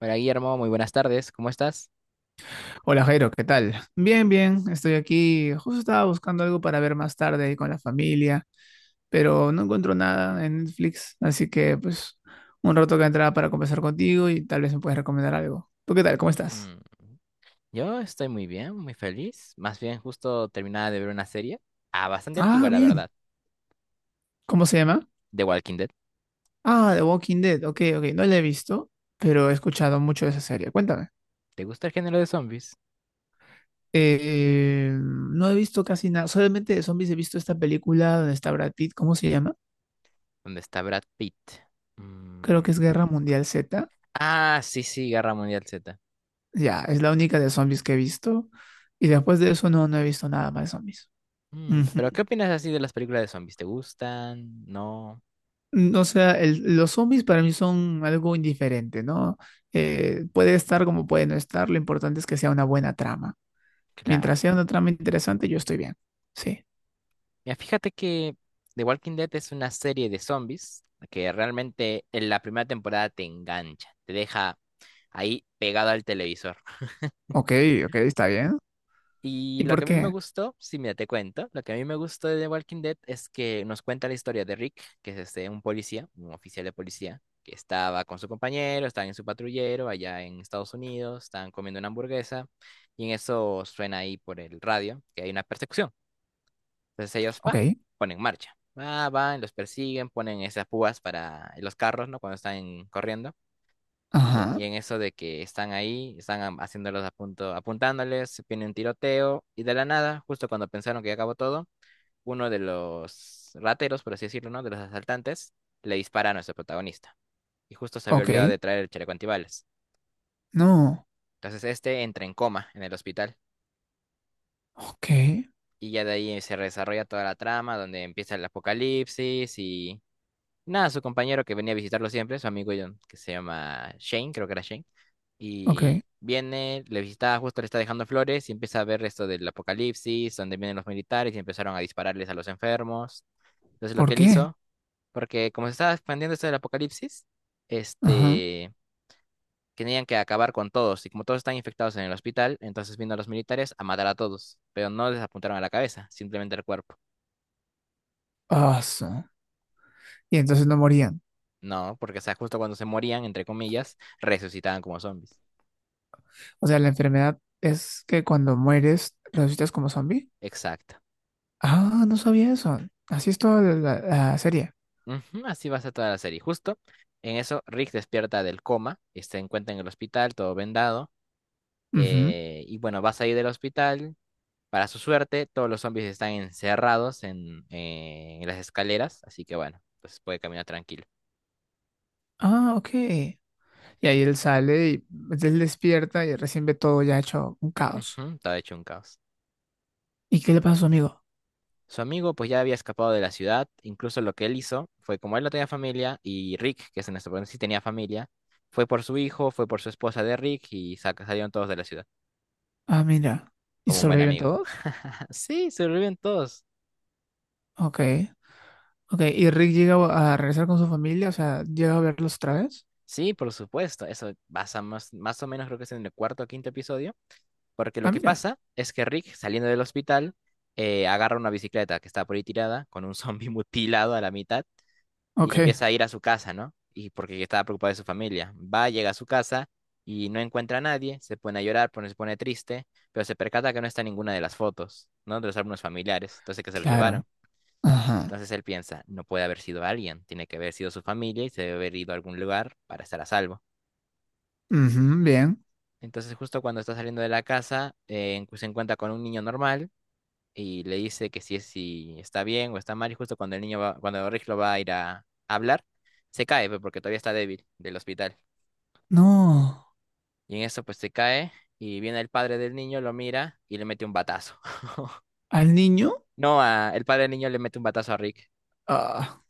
Hola Guillermo, muy buenas tardes, ¿cómo estás? Hola Jairo, ¿qué tal? Bien, bien, estoy aquí. Justo estaba buscando algo para ver más tarde ahí con la familia, pero no encuentro nada en Netflix, así que pues un rato que entraba para conversar contigo y tal vez me puedes recomendar algo. ¿Tú qué tal? ¿Cómo estás? Mm, yo estoy muy bien, muy feliz. Más bien, justo terminaba de ver una serie, ah, bastante Ah, antigua, la bien. verdad, ¿Cómo se llama? The Walking Dead. Ah, The Walking Dead. Ok, ok, no la he visto, pero he escuchado mucho de esa serie. Cuéntame. ¿Te gusta el género de zombies? No he visto casi nada, solamente de zombies he visto esta película donde está Brad Pitt, ¿cómo se llama? ¿Dónde está Brad Pitt? Creo Mm. que es Guerra Mundial Z. Ah, sí, sí, Guerra Mundial Z. Ya, es la única de zombies que he visto. Y después de eso no, no he visto nada más de zombies. Pero Ujú. ¿qué opinas así de las películas de zombies? ¿Te gustan? No, Mm. O sea, los zombies para mí son algo indiferente, ¿no? Puede estar como puede no estar, lo importante es que sea una buena trama. Mientras claro. sea una trama interesante, yo estoy bien. Sí. Mira, fíjate que The Walking Dead es una serie de zombies que realmente en la primera temporada te engancha, te deja ahí pegado al televisor. Ok, ok, está bien. Y ¿Y lo que por a mí me qué? gustó, si mira, te cuento, lo que a mí me gustó de The Walking Dead es que nos cuenta la historia de Rick, que es este, un policía, un oficial de policía, que estaba con su compañero, estaban en su patrullero allá en Estados Unidos, estaban comiendo una hamburguesa, y en eso suena ahí por el radio que hay una persecución. Entonces ellos, Ok. pa, ponen marcha. Va, van, los persiguen, ponen esas púas para los carros, ¿no? Cuando están corriendo. Y en, Ajá. y en eso de que están ahí, están haciéndolos a punto, apuntándoles, viene un tiroteo, y de la nada, justo cuando pensaron que ya acabó todo, uno de los rateros, por así decirlo, ¿no? De los asaltantes, le dispara a nuestro protagonista. Y justo se había Ok. olvidado de traer el chaleco antibalas. No. Entonces este entra en coma en el hospital. Ok. Y ya de ahí se desarrolla toda la trama, donde empieza el apocalipsis y… Nada, su compañero que venía a visitarlo siempre, su amigo John, que se llama Shane, creo que era Shane. Ok. Y viene, le visita, justo le está dejando flores y empieza a ver esto del apocalipsis, donde vienen los militares y empezaron a dispararles a los enfermos. Entonces lo que ¿Por él qué? hizo, porque como se estaba expandiendo esto del apocalipsis, Ajá. este, tenían que acabar con todos. Y como todos están infectados en el hospital, entonces vino a los militares a matar a todos. Pero no les apuntaron a la cabeza, simplemente al cuerpo. Ah, su. Y entonces no morían. No, porque o sea, justo cuando se morían, entre comillas, resucitaban como zombies. O sea, la enfermedad es que cuando mueres resucitas como zombie. Exacto. Ah, no sabía eso. Así es toda la serie. Ujú, así va a ser toda la serie. Justo en eso, Rick despierta del coma, y se encuentra en el hospital, todo vendado. Ujú. Y bueno, va a salir del hospital. Para su suerte, todos los zombies están encerrados en las escaleras, así que bueno, pues puede caminar tranquilo. Ah, ok. Y ahí él sale y pues, él despierta y recién ve todo ya hecho un caos. Ujú, todo hecho un caos. ¿Y qué le pasa a su amigo? Su amigo pues ya había escapado de la ciudad, incluso lo que él hizo fue como él no tenía familia y Rick, que es nuestro protagonista, sí tenía familia, fue por su hijo, fue por su esposa de Rick y salieron todos de la ciudad. Ah, mira. ¿Y Como un buen sobreviven amigo. todos? Sí, sobreviven todos. Ok. Ok. ¿Y Rick llega a regresar con su familia? O sea, ¿llega a verlos otra vez? Sí, por supuesto. Eso pasa más o menos, creo que es en el cuarto o quinto episodio. Porque lo Ah, que mira. pasa es que Rick, saliendo del hospital, agarra una bicicleta que está por ahí tirada, con un zombie mutilado a la mitad, y Ok. empieza a ir a su casa, ¿no? Y porque estaba preocupado de su familia. Va, llega a su casa y no encuentra a nadie, se pone a llorar, se pone triste, pero se percata que no está ninguna de las fotos, ¿no? De los álbumes familiares, entonces que se los Claro. llevaron. Ajá. Entonces él piensa, no puede haber sido alguien, tiene que haber sido su familia y se debe haber ido a algún lugar para estar a salvo. Ujú, bien. Entonces justo cuando está saliendo de la casa, se encuentra con un niño normal y le dice que si, si está bien o está mal y justo cuando el niño va, cuando Rick lo va a ir a, hablar, se cae pues, porque todavía está débil del hospital. No. Y en eso pues se cae y viene el padre del niño, lo mira y le mete un batazo. ¿Al niño? No, el padre del niño le mete un batazo a Rick. Ah.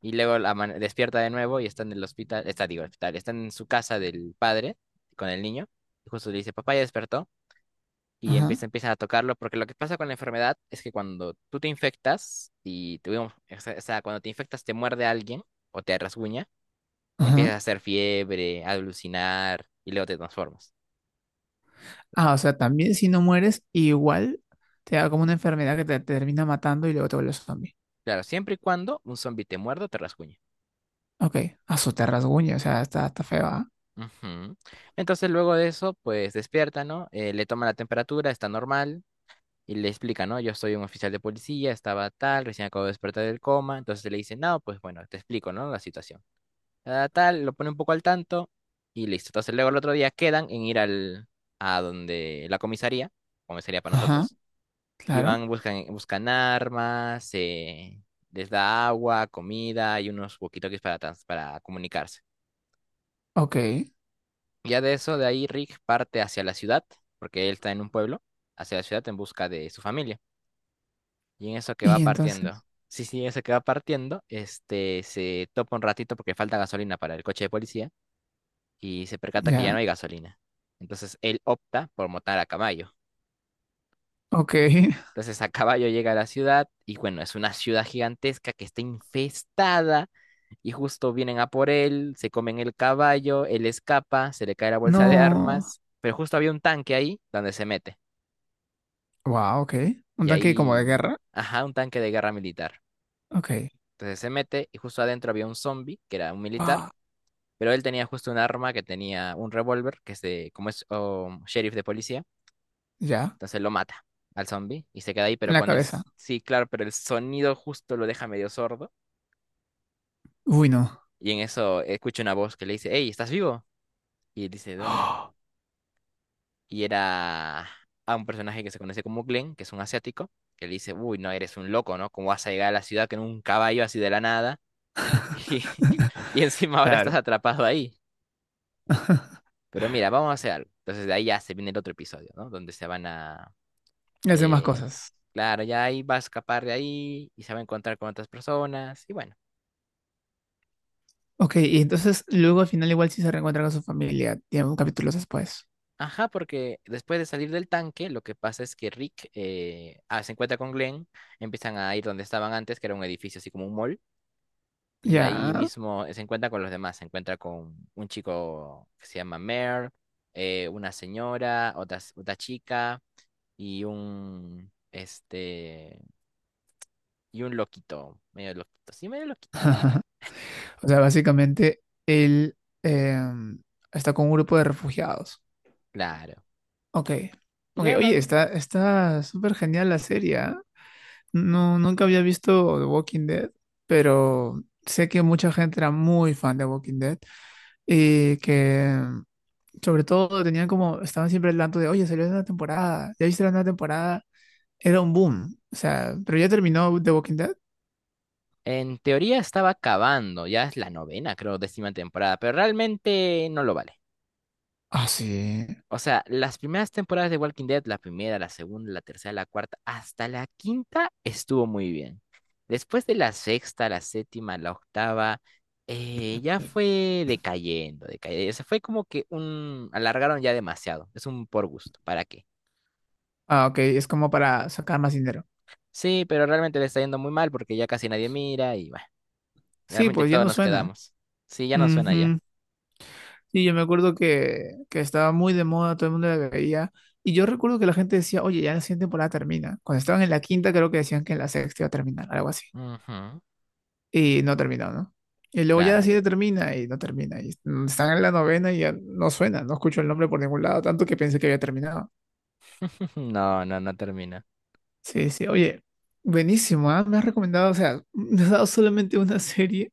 Y luego la despierta de nuevo y está en el hospital, está, digo, hospital, está en su casa del padre con el niño. Y justo le dice, papá ya despertó. Y Ajá. empieza, empiezan a tocarlo, porque lo que pasa con la enfermedad es que cuando tú te infectas, y tuvimos, o sea, cuando te infectas te muerde alguien o te rasguña, Ajá. empiezas a hacer fiebre, a alucinar y luego te transformas. Ah, o sea, también si no mueres, igual te da como una enfermedad que te termina matando y luego te vuelves zombie. Claro, siempre y cuando un zombi te muerda o te rasguñe. Ok, a su te rasguña, o sea, está feo, ¿ah? Ujú. Entonces luego de eso, pues despierta, ¿no? Le toma la temperatura, está normal, y le explica, ¿no? Yo soy un oficial de policía, estaba tal, recién acabo de despertar del coma. Entonces le dice, no, pues bueno, te explico, ¿no? La situación. Tal, tal, lo pone un poco al tanto y listo. Entonces luego el otro día quedan en ir al, a donde la comisaría, comisaría para Ajá, nosotros, y claro. van, buscan, buscan armas, les da agua, comida y unos walkie-talkies para, para comunicarse. Ok. Ya de eso, de ahí Rick parte hacia la ciudad, porque él está en un pueblo, hacia la ciudad en busca de su familia. Y en eso que va Y partiendo. entonces, Sí, sí, en eso que va partiendo, este, se topa un ratito porque falta gasolina para el coche de policía y se percata que ya ya. no hay gasolina. Entonces él opta por montar a caballo. Ok. Entonces a caballo llega a la ciudad y bueno, es una ciudad gigantesca que está infestada y justo vienen a por él, se comen el caballo, él escapa, se le cae la bolsa de No. armas, pero justo había un tanque ahí donde se mete. Wow, ok. Un Y tanque como de ahí, guerra. ajá, un tanque de guerra militar. Ok. Entonces se mete y justo adentro había un zombie, que era un militar, Wow. pero él tenía justo un arma que tenía un revólver, que es de, como es oh, sheriff de policía, Ya. entonces lo mata al zombie y se queda ahí, En pero la con el, cabeza. Sí, claro, pero el sonido justo lo deja medio sordo Uy, no. y en eso escucha una voz que le dice, hey, ¿estás vivo? Y él dice, ¿dónde? Y era a un personaje que se conoce como Glenn, que es un asiático, que le dice, uy, no, eres un loco, ¿no? ¿Cómo vas a llegar a la ciudad con un caballo así de la nada? Y, y encima ahora estás Claro. atrapado ahí. Pero mira, vamos a hacer algo. Entonces de ahí ya se viene el otro episodio, ¿no? Donde se van a… Hace más eh, cosas. claro, ya ahí va a escapar de ahí y se va a encontrar con otras personas. Y bueno. Ok, y entonces luego al final igual sí se reencuentra con su familia, digamos, capítulos después. Ajá, porque después de salir del tanque, lo que pasa es que Rick se encuentra con Glenn, empiezan a ir donde estaban antes, que era un edificio así como un mall, y ahí Ya. mismo se encuentra con los demás, se encuentra con un chico que se llama Mare, una señora, otra chica y un, este, y un loquito, medio loquito, sí, medio loquito, O sea, básicamente él eh, está con un grupo de refugiados. claro. Ok. Y Ok, Leonard, oye, está súper genial la serie, ¿ah? No, nunca había visto The Walking Dead, pero sé que mucha gente era muy fan de Walking Dead y que sobre todo tenían como, estaban siempre al tanto de, oye, salió la nueva temporada, ya viste la nueva temporada. Era un boom. O sea, pero ya terminó The Walking Dead. en teoría estaba acabando, ya es la novena, creo, décima temporada, pero realmente no lo vale. Ah, sí. O sea, las primeras temporadas de Walking Dead, la primera, la segunda, la tercera, la cuarta, hasta la quinta estuvo muy bien. Después de la sexta, la séptima, la octava, ya fue decayendo, decayendo. Se fue como que un… alargaron ya demasiado. Es un por gusto, ¿para qué? Ah, ok, es como para sacar más dinero. Sí, pero realmente le está yendo muy mal porque ya casi nadie mira y… bueno. Sí, Realmente pues ya todos no nos suena. quedamos. Sí, ya no suena ya. Ujú. Sí, yo me acuerdo que estaba muy de moda, todo el mundo la veía. Y yo recuerdo que la gente decía, oye, ya la siguiente temporada termina. Cuando estaban en la quinta, creo que decían que en la sexta iba a terminar, algo así. Ujú, Y no terminó, ¿no? Y luego ya la claro. siguiente termina y no termina. Y están en la novena y ya no suena, no escucho el nombre por ningún lado, tanto que pensé que había terminado. No, no, no termina. Sí, sí, oye, buenísimo, ¿ah? Me has recomendado, o sea, me has dado solamente una serie.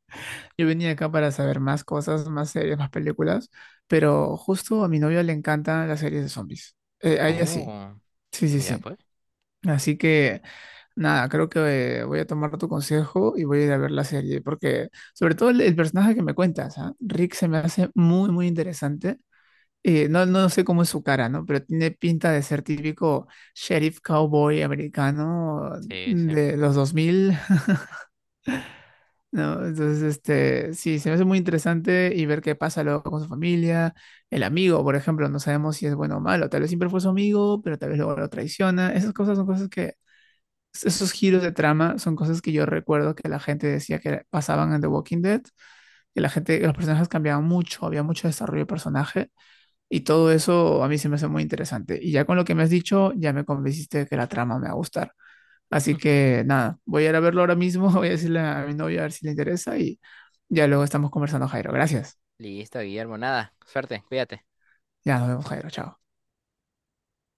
Yo venía acá para saber más cosas, más series, más películas, pero justo a mi novia le encantan las series de zombies. A ella sí, Oh, sí, sí, mira sí. pues. Así que, nada, creo que voy a tomar tu consejo y voy a ir a ver la serie, porque sobre todo el personaje que me cuentas, ¿ah? Rick se me hace muy, muy interesante. No no sé cómo es su cara, ¿no? Pero tiene pinta de ser típico sheriff cowboy americano Sí, sí. de los 2000, ¿no? Entonces, este, sí, se me hace muy interesante y ver qué pasa luego con su familia. El amigo, por ejemplo, no sabemos si es bueno o malo. Tal vez siempre fue su amigo, pero tal vez luego lo traiciona. Esas cosas son cosas esos giros de trama son cosas que yo recuerdo que la gente decía que pasaban en The Walking Dead, que la gente, que los personajes cambiaban mucho, había mucho desarrollo de personaje y todo eso a mí se me hace muy interesante. Y ya con lo que me has dicho, ya me convenciste de que la trama me va a gustar. Así que nada, voy a ir a verlo ahora mismo, voy a decirle a mi novia a ver si le interesa y ya luego estamos conversando, Jairo. Gracias. Listo, Guillermo, nada. Suerte, cuídate. Ya nos vemos, Jairo. Chao.